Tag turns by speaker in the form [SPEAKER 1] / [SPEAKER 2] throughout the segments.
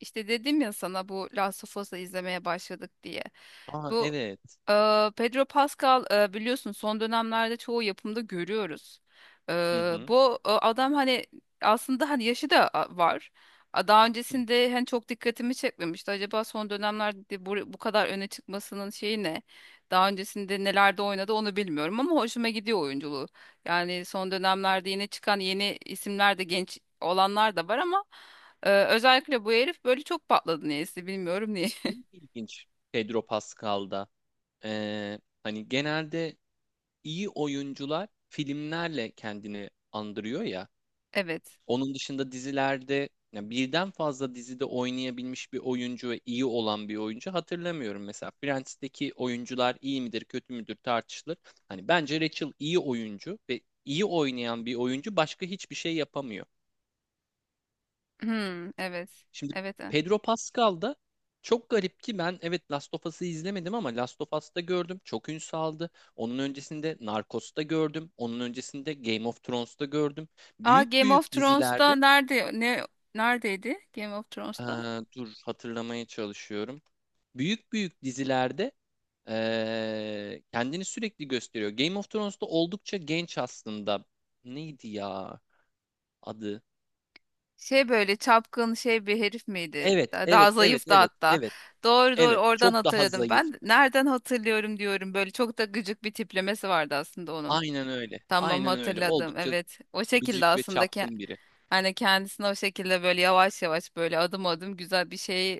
[SPEAKER 1] İşte dedim ya sana bu Last of Us'ı izlemeye başladık diye.
[SPEAKER 2] Aa,
[SPEAKER 1] Bu
[SPEAKER 2] evet.
[SPEAKER 1] Pedro Pascal biliyorsun son dönemlerde çoğu yapımda görüyoruz. E,
[SPEAKER 2] Hı hı.
[SPEAKER 1] bu adam hani aslında hani yaşı da var. Daha
[SPEAKER 2] Hı.
[SPEAKER 1] öncesinde hani çok dikkatimi çekmemişti. Acaba son dönemlerde bu kadar öne çıkmasının şeyi ne? Daha öncesinde nelerde oynadı onu bilmiyorum ama hoşuma gidiyor oyunculuğu. Yani son dönemlerde yine çıkan yeni isimler de genç olanlar da var ama özellikle bu herif böyle çok patladı niyeyse bilmiyorum niye.
[SPEAKER 2] Şey, ilginç Pedro Pascal'da. Hani genelde iyi oyuncular filmlerle kendini andırıyor ya.
[SPEAKER 1] Evet.
[SPEAKER 2] Onun dışında dizilerde ya birden fazla dizide oynayabilmiş bir oyuncu ve iyi olan bir oyuncu hatırlamıyorum. Mesela Friends'teki oyuncular iyi midir kötü müdür tartışılır. Hani bence Rachel iyi oyuncu ve iyi oynayan bir oyuncu başka hiçbir şey yapamıyor.
[SPEAKER 1] Hmm, evet.
[SPEAKER 2] Şimdi
[SPEAKER 1] Evet.
[SPEAKER 2] Pedro Pascal da çok garip ki ben, evet, Last of Us'ı izlemedim ama Last of Us'ta gördüm. Çok ün saldı. Onun öncesinde Narcos'ta gördüm. Onun öncesinde Game of Thrones'ta gördüm.
[SPEAKER 1] Aa,
[SPEAKER 2] Büyük
[SPEAKER 1] Game of
[SPEAKER 2] büyük
[SPEAKER 1] Thrones'ta
[SPEAKER 2] dizilerde.
[SPEAKER 1] neredeydi Game of
[SPEAKER 2] Ee,
[SPEAKER 1] Thrones'ta?
[SPEAKER 2] Dur hatırlamaya çalışıyorum. Büyük büyük dizilerde kendini sürekli gösteriyor. Game of Thrones'ta oldukça genç aslında. Neydi ya adı?
[SPEAKER 1] Şey böyle çapkın şey bir herif miydi?
[SPEAKER 2] Evet,
[SPEAKER 1] Daha
[SPEAKER 2] evet, evet,
[SPEAKER 1] zayıf da
[SPEAKER 2] evet,
[SPEAKER 1] hatta.
[SPEAKER 2] evet,
[SPEAKER 1] Doğru doğru
[SPEAKER 2] evet.
[SPEAKER 1] oradan
[SPEAKER 2] Çok daha
[SPEAKER 1] hatırladım.
[SPEAKER 2] zayıf.
[SPEAKER 1] Ben nereden hatırlıyorum diyorum. Böyle çok da gıcık bir tiplemesi vardı aslında onun.
[SPEAKER 2] Aynen öyle.
[SPEAKER 1] Tamam,
[SPEAKER 2] Aynen öyle.
[SPEAKER 1] hatırladım.
[SPEAKER 2] Oldukça
[SPEAKER 1] Evet. O şekilde
[SPEAKER 2] gıcık ve
[SPEAKER 1] aslında.
[SPEAKER 2] çapkın biri.
[SPEAKER 1] Hani kendisine o şekilde böyle yavaş yavaş böyle adım adım güzel bir şey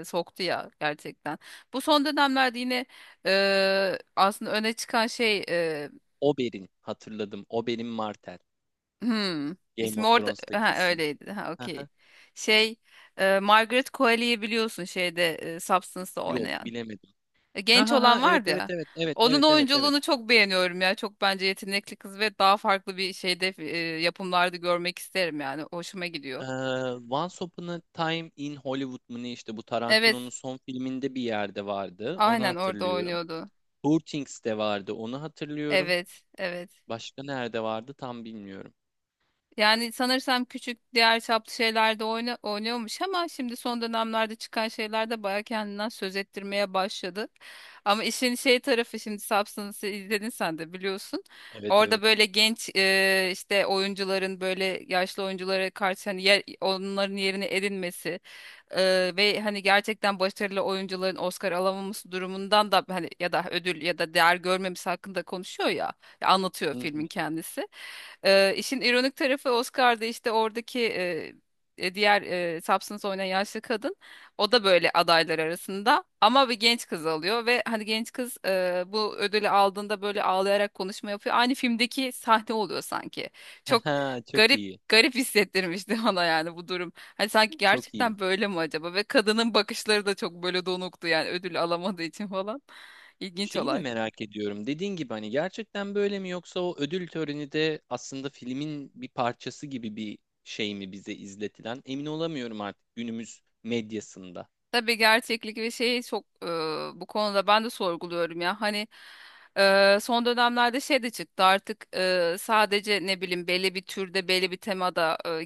[SPEAKER 1] soktu ya gerçekten. Bu son dönemlerde yine aslında öne çıkan şey
[SPEAKER 2] Oberyn, hatırladım. Oberyn Martell.
[SPEAKER 1] hmm,
[SPEAKER 2] Game
[SPEAKER 1] ismi
[SPEAKER 2] of
[SPEAKER 1] orada,
[SPEAKER 2] Thrones'taki
[SPEAKER 1] ha,
[SPEAKER 2] isim.
[SPEAKER 1] öyleydi. Ha, okey.
[SPEAKER 2] Aha.
[SPEAKER 1] Şey Margaret Qualley'i biliyorsun şeyde Substance'da
[SPEAKER 2] Yok,
[SPEAKER 1] oynayan.
[SPEAKER 2] bilemedim.
[SPEAKER 1] E,
[SPEAKER 2] Ha
[SPEAKER 1] genç
[SPEAKER 2] ha ha,
[SPEAKER 1] olan
[SPEAKER 2] evet
[SPEAKER 1] vardı
[SPEAKER 2] evet
[SPEAKER 1] ya.
[SPEAKER 2] evet evet
[SPEAKER 1] Onun
[SPEAKER 2] evet evet evet.
[SPEAKER 1] oyunculuğunu çok beğeniyorum ya. Çok bence yetenekli kız ve daha farklı bir şeyde yapımlarda görmek isterim yani. Hoşuma
[SPEAKER 2] Ee,
[SPEAKER 1] gidiyor.
[SPEAKER 2] Once Upon a Time in Hollywood mu ne, işte bu
[SPEAKER 1] Evet,
[SPEAKER 2] Tarantino'nun son filminde bir yerde vardı. Onu
[SPEAKER 1] aynen orada
[SPEAKER 2] hatırlıyorum.
[SPEAKER 1] oynuyordu.
[SPEAKER 2] Poor Things'te vardı. Onu hatırlıyorum.
[SPEAKER 1] Evet, evet.
[SPEAKER 2] Başka nerede vardı tam bilmiyorum.
[SPEAKER 1] Yani sanırsam küçük diğer çaplı şeylerde oynuyormuş ama şimdi son dönemlerde çıkan şeyler de baya kendinden söz ettirmeye başladı. Ama işin şey tarafı şimdi Substance'ı izledin sen de biliyorsun.
[SPEAKER 2] Evet
[SPEAKER 1] Orada
[SPEAKER 2] evet.
[SPEAKER 1] böyle genç işte oyuncuların böyle yaşlı oyunculara karşı hani onların yerini edinmesi ve hani gerçekten başarılı oyuncuların Oscar alamaması durumundan da hani ya da ödül ya da değer görmemesi hakkında konuşuyor ya, ya anlatıyor
[SPEAKER 2] Hı hı.
[SPEAKER 1] filmin kendisi. İşin ironik tarafı Oscar'da işte oradaki, diğer Substance oynayan yaşlı kadın o da böyle adaylar arasında ama bir genç kız alıyor ve hani genç kız bu ödülü aldığında böyle ağlayarak konuşma yapıyor. Aynı filmdeki sahne oluyor sanki.
[SPEAKER 2] Ha,
[SPEAKER 1] Çok
[SPEAKER 2] ha, çok
[SPEAKER 1] garip
[SPEAKER 2] iyi.
[SPEAKER 1] garip hissettirmişti bana yani bu durum. Hani sanki
[SPEAKER 2] Çok iyi.
[SPEAKER 1] gerçekten böyle mi acaba? Ve kadının bakışları da çok böyle donuktu yani ödül alamadığı için falan. İlginç
[SPEAKER 2] Şeyi de
[SPEAKER 1] olay.
[SPEAKER 2] merak ediyorum. Dediğin gibi hani gerçekten böyle mi, yoksa o ödül töreni de aslında filmin bir parçası gibi bir şey mi bize izletilen? Emin olamıyorum artık günümüz medyasında.
[SPEAKER 1] Tabii gerçeklik ve şeyi çok bu konuda ben de sorguluyorum ya. Hani son dönemlerde şey de çıktı artık, sadece ne bileyim belli bir türde belli bir temada,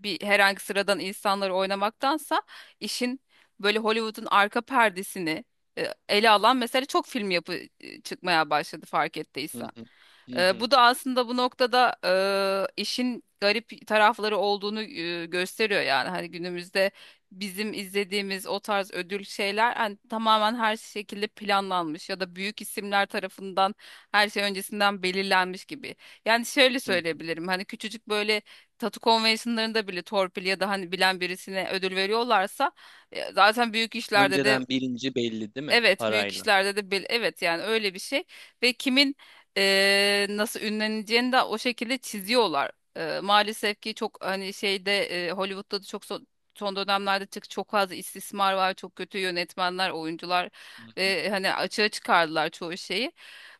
[SPEAKER 1] bir herhangi sıradan insanları oynamaktansa işin böyle Hollywood'un arka perdesini ele alan mesela çok film yapı çıkmaya başladı fark
[SPEAKER 2] Hı
[SPEAKER 1] ettiysen.
[SPEAKER 2] hı, hı
[SPEAKER 1] Ee,
[SPEAKER 2] hı,
[SPEAKER 1] bu da aslında bu noktada işin garip tarafları olduğunu gösteriyor yani hani günümüzde bizim izlediğimiz o tarz ödül şeyler hani tamamen her şekilde planlanmış ya da büyük isimler tarafından her şey öncesinden belirlenmiş gibi. Yani şöyle
[SPEAKER 2] hı hı.
[SPEAKER 1] söyleyebilirim hani küçücük böyle tatu konvensiyonlarında bile torpil ya da hani bilen birisine ödül veriyorlarsa, zaten büyük işlerde de.
[SPEAKER 2] Önceden birinci belli değil mi?
[SPEAKER 1] Evet, büyük
[SPEAKER 2] Parayla.
[SPEAKER 1] işlerde de evet, yani öyle bir şey ve kimin nasıl ünleneceğini de o şekilde çiziyorlar. Maalesef ki çok hani şeyde, Hollywood'da da çok son dönemlerde çok fazla istismar var, çok kötü yönetmenler, oyuncular
[SPEAKER 2] Hı hı.
[SPEAKER 1] ve hani açığa çıkardılar çoğu şeyi.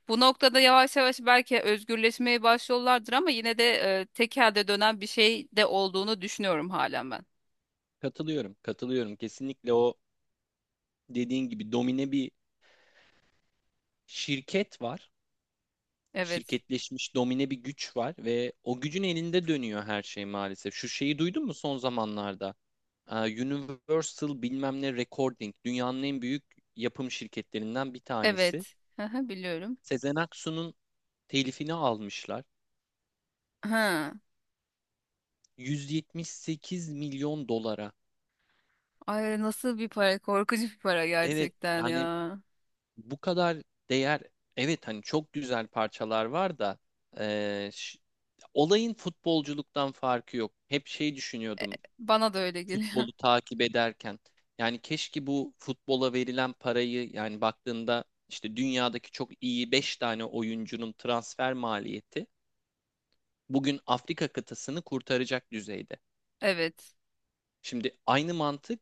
[SPEAKER 1] Bu noktada yavaş yavaş belki özgürleşmeye başlıyorlardır ama yine de tek dönen bir şey de olduğunu düşünüyorum halen ben.
[SPEAKER 2] Katılıyorum, katılıyorum. Kesinlikle o dediğin gibi domine bir şirket var.
[SPEAKER 1] Evet.
[SPEAKER 2] Şirketleşmiş domine bir güç var ve o gücün elinde dönüyor her şey maalesef. Şu şeyi duydun mu son zamanlarda? Ee, Universal bilmem ne Recording dünyanın en büyük yapım şirketlerinden bir tanesi.
[SPEAKER 1] Evet. Hı hı, biliyorum.
[SPEAKER 2] Sezen Aksu'nun telifini almışlar.
[SPEAKER 1] Hı.
[SPEAKER 2] 178 milyon dolara.
[SPEAKER 1] Ay, nasıl bir para? Korkunç bir para
[SPEAKER 2] Evet
[SPEAKER 1] gerçekten
[SPEAKER 2] yani
[SPEAKER 1] ya.
[SPEAKER 2] bu kadar değer, evet hani çok güzel parçalar var da e, ş- olayın futbolculuktan farkı yok. Hep şey düşünüyordum
[SPEAKER 1] Bana da öyle geliyor.
[SPEAKER 2] futbolu takip ederken. Yani keşke bu futbola verilen parayı, yani baktığında işte dünyadaki çok iyi 5 tane oyuncunun transfer maliyeti bugün Afrika kıtasını kurtaracak düzeyde.
[SPEAKER 1] Evet.
[SPEAKER 2] Şimdi aynı mantık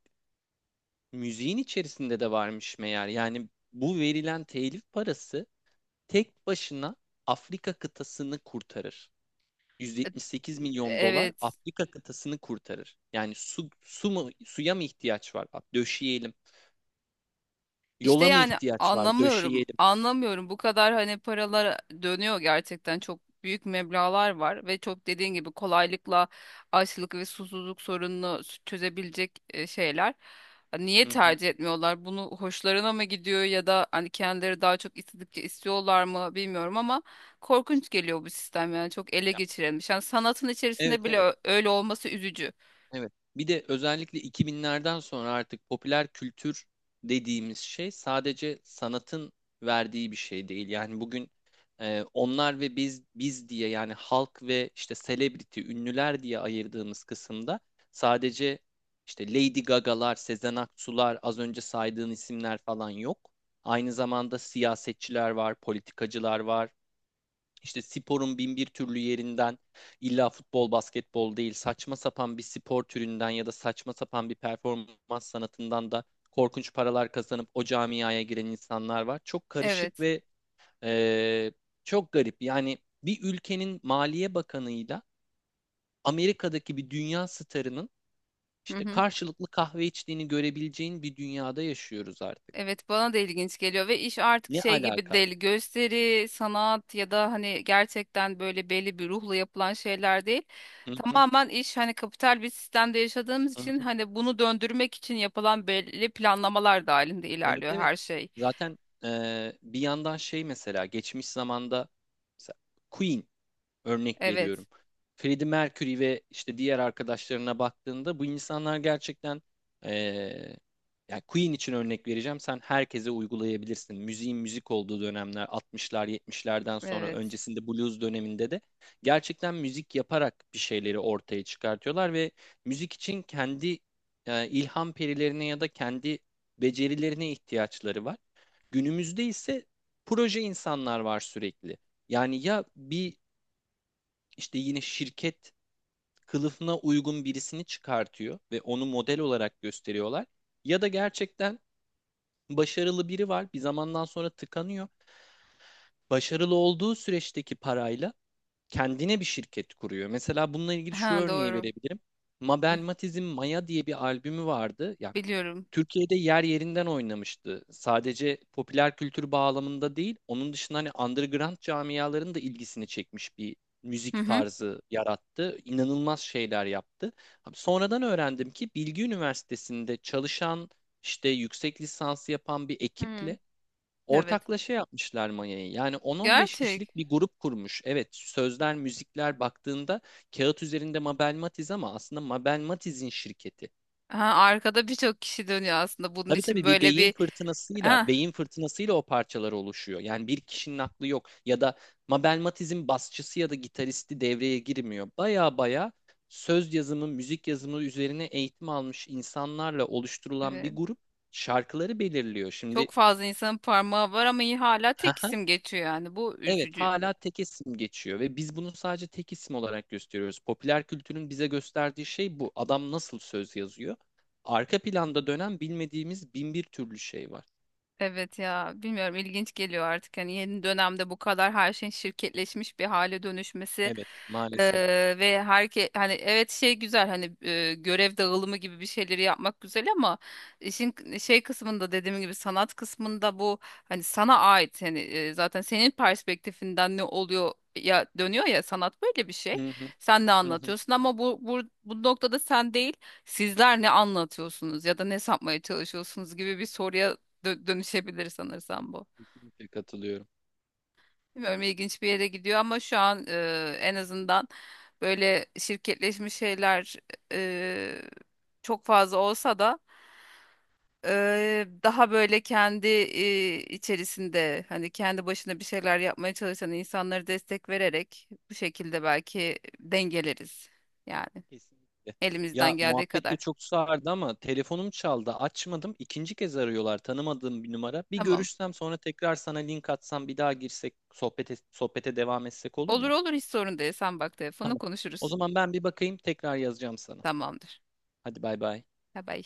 [SPEAKER 2] müziğin içerisinde de varmış meğer. Yani bu verilen telif parası tek başına Afrika kıtasını kurtarır.
[SPEAKER 1] E-
[SPEAKER 2] 178 milyon dolar
[SPEAKER 1] Evet.
[SPEAKER 2] Afrika kıtasını kurtarır. Yani su, su mu, suya mı ihtiyaç var? Bak, döşeyelim.
[SPEAKER 1] İşte
[SPEAKER 2] Yola mı
[SPEAKER 1] yani
[SPEAKER 2] ihtiyaç var?
[SPEAKER 1] anlamıyorum.
[SPEAKER 2] Döşeyelim.
[SPEAKER 1] Anlamıyorum. Bu kadar hani paralar dönüyor gerçekten. Çok büyük meblağlar var ve çok dediğin gibi kolaylıkla açlık ve susuzluk sorununu çözebilecek şeyler. Hani niye
[SPEAKER 2] Hı hı.
[SPEAKER 1] tercih etmiyorlar? Bunu hoşlarına mı gidiyor ya da hani kendileri daha çok istedikçe istiyorlar mı bilmiyorum ama korkunç geliyor bu sistem yani çok ele
[SPEAKER 2] Ya,
[SPEAKER 1] geçirilmiş. Yani sanatın
[SPEAKER 2] evet
[SPEAKER 1] içerisinde bile
[SPEAKER 2] evet
[SPEAKER 1] öyle olması üzücü.
[SPEAKER 2] evet. Bir de özellikle 2000'lerden sonra artık popüler kültür dediğimiz şey sadece sanatın verdiği bir şey değil. Yani bugün onlar ve biz diye, yani halk ve işte celebrity, ünlüler diye ayırdığımız kısımda sadece işte Lady Gaga'lar, Sezen Aksu'lar, az önce saydığın isimler falan yok. Aynı zamanda siyasetçiler var, politikacılar var, İşte sporun bin bir türlü yerinden, illa futbol, basketbol değil, saçma sapan bir spor türünden ya da saçma sapan bir performans sanatından da korkunç paralar kazanıp o camiaya giren insanlar var. Çok karışık
[SPEAKER 1] Evet.
[SPEAKER 2] ve eee, çok garip. Yani bir ülkenin maliye bakanıyla Amerika'daki bir dünya starının işte karşılıklı kahve içtiğini görebileceğin bir dünyada yaşıyoruz artık.
[SPEAKER 1] Evet, bana da ilginç geliyor ve iş artık
[SPEAKER 2] Ne
[SPEAKER 1] şey gibi
[SPEAKER 2] alaka?
[SPEAKER 1] değil gösteri, sanat ya da hani gerçekten böyle belli bir ruhla yapılan şeyler değil.
[SPEAKER 2] Hı hı,
[SPEAKER 1] Tamamen iş hani kapital bir sistemde yaşadığımız için
[SPEAKER 2] hı.
[SPEAKER 1] hani bunu döndürmek için yapılan belli planlamalar dahilinde
[SPEAKER 2] Evet
[SPEAKER 1] ilerliyor
[SPEAKER 2] evet.
[SPEAKER 1] her şey.
[SPEAKER 2] Zaten bir yandan şey, mesela geçmiş zamanda, mesela Queen. Örnek
[SPEAKER 1] Evet.
[SPEAKER 2] veriyorum. Freddie Mercury ve işte diğer arkadaşlarına baktığında bu insanlar gerçekten eee yani Queen için örnek vereceğim. Sen herkese uygulayabilirsin. Müziğin müzik olduğu dönemler altmışlar, yetmişlerden sonra,
[SPEAKER 1] Evet.
[SPEAKER 2] öncesinde blues döneminde de gerçekten müzik yaparak bir şeyleri ortaya çıkartıyorlar ve müzik için kendi ilham perilerine ya da kendi becerilerine ihtiyaçları var. Günümüzde ise proje insanlar var sürekli. Yani ya bir, işte yine şirket kılıfına uygun birisini çıkartıyor ve onu model olarak gösteriyorlar. Ya da gerçekten başarılı biri var, bir zamandan sonra tıkanıyor. Başarılı olduğu süreçteki parayla kendine bir şirket kuruyor. Mesela bununla ilgili şu
[SPEAKER 1] Ha,
[SPEAKER 2] örneği
[SPEAKER 1] doğru.
[SPEAKER 2] verebilirim. Mabel
[SPEAKER 1] Hı,
[SPEAKER 2] Matiz'in Maya diye bir albümü vardı. Ya
[SPEAKER 1] biliyorum.
[SPEAKER 2] Türkiye'de yer yerinden oynamıştı. Sadece popüler kültür bağlamında değil, onun dışında hani underground camiaların da ilgisini çekmiş bir
[SPEAKER 1] Hı
[SPEAKER 2] müzik
[SPEAKER 1] hı.
[SPEAKER 2] tarzı yarattı. İnanılmaz şeyler yaptı. Abi, sonradan öğrendim ki Bilgi Üniversitesi'nde çalışan, işte yüksek lisansı yapan bir
[SPEAKER 1] Hı,
[SPEAKER 2] ekiple
[SPEAKER 1] evet.
[SPEAKER 2] ortaklaşa yapmışlar Maya'yı. Yani 10-15
[SPEAKER 1] Gerçek.
[SPEAKER 2] kişilik bir grup kurmuş. Evet, sözler, müzikler baktığında kağıt üzerinde Mabel Matiz ama aslında Mabel Matiz'in şirketi.
[SPEAKER 1] Ha, arkada birçok kişi dönüyor aslında bunun
[SPEAKER 2] Tabii
[SPEAKER 1] için
[SPEAKER 2] tabii, bir
[SPEAKER 1] böyle
[SPEAKER 2] beyin
[SPEAKER 1] bir,
[SPEAKER 2] fırtınasıyla,
[SPEAKER 1] ha,
[SPEAKER 2] beyin fırtınasıyla o parçalar oluşuyor. Yani bir kişinin aklı yok ya da Mabel Matiz'in basçısı ya da gitaristi devreye girmiyor. Baya baya söz yazımı, müzik yazımı üzerine eğitim almış insanlarla oluşturulan
[SPEAKER 1] evet.
[SPEAKER 2] bir grup şarkıları belirliyor. Şimdi
[SPEAKER 1] Çok fazla insanın parmağı var ama iyi hala tek
[SPEAKER 2] haha,
[SPEAKER 1] isim geçiyor yani. Bu
[SPEAKER 2] evet
[SPEAKER 1] üzücü.
[SPEAKER 2] hala tek isim geçiyor ve biz bunu sadece tek isim olarak gösteriyoruz. Popüler kültürün bize gösterdiği şey bu. Adam nasıl söz yazıyor? Arka planda dönen bilmediğimiz bin bir türlü şey var.
[SPEAKER 1] Evet ya, bilmiyorum, ilginç geliyor artık hani yeni dönemde bu kadar her şeyin şirketleşmiş bir hale dönüşmesi,
[SPEAKER 2] Evet, maalesef.
[SPEAKER 1] ve hani, evet, şey güzel, hani görev dağılımı gibi bir şeyleri yapmak güzel ama işin şey kısmında dediğim gibi sanat kısmında bu hani sana ait, hani zaten senin perspektifinden ne oluyor ya dönüyor ya, sanat böyle bir şey,
[SPEAKER 2] Hı hı,
[SPEAKER 1] sen ne
[SPEAKER 2] hı hı.
[SPEAKER 1] anlatıyorsun ama bu noktada sen değil sizler ne anlatıyorsunuz ya da ne satmaya çalışıyorsunuz gibi bir soruya dönüşebilir sanırsam bu.
[SPEAKER 2] Kesinlikle katılıyorum.
[SPEAKER 1] Bilmiyorum, ilginç bir yere gidiyor ama şu an en azından böyle şirketleşmiş şeyler e, çok fazla olsa da daha böyle kendi içerisinde hani kendi başına bir şeyler yapmaya çalışan insanları destek vererek bu şekilde belki dengeleriz. Yani
[SPEAKER 2] Kesinlikle. Ya,
[SPEAKER 1] elimizden geldiği
[SPEAKER 2] muhabbet de
[SPEAKER 1] kadar.
[SPEAKER 2] çok sardı ama telefonum çaldı. Açmadım. İkinci kez arıyorlar. Tanımadığım bir numara. Bir
[SPEAKER 1] Tamam.
[SPEAKER 2] görüşsem, sonra tekrar sana link atsam, bir daha girsek sohbete, sohbete devam etsek olur
[SPEAKER 1] Olur
[SPEAKER 2] mu?
[SPEAKER 1] olur, hiç sorun değil. Sen bak telefonu
[SPEAKER 2] Tamam. O
[SPEAKER 1] konuşuruz.
[SPEAKER 2] zaman ben bir bakayım, tekrar yazacağım sana.
[SPEAKER 1] Tamamdır.
[SPEAKER 2] Hadi bay bay.
[SPEAKER 1] Bye bye.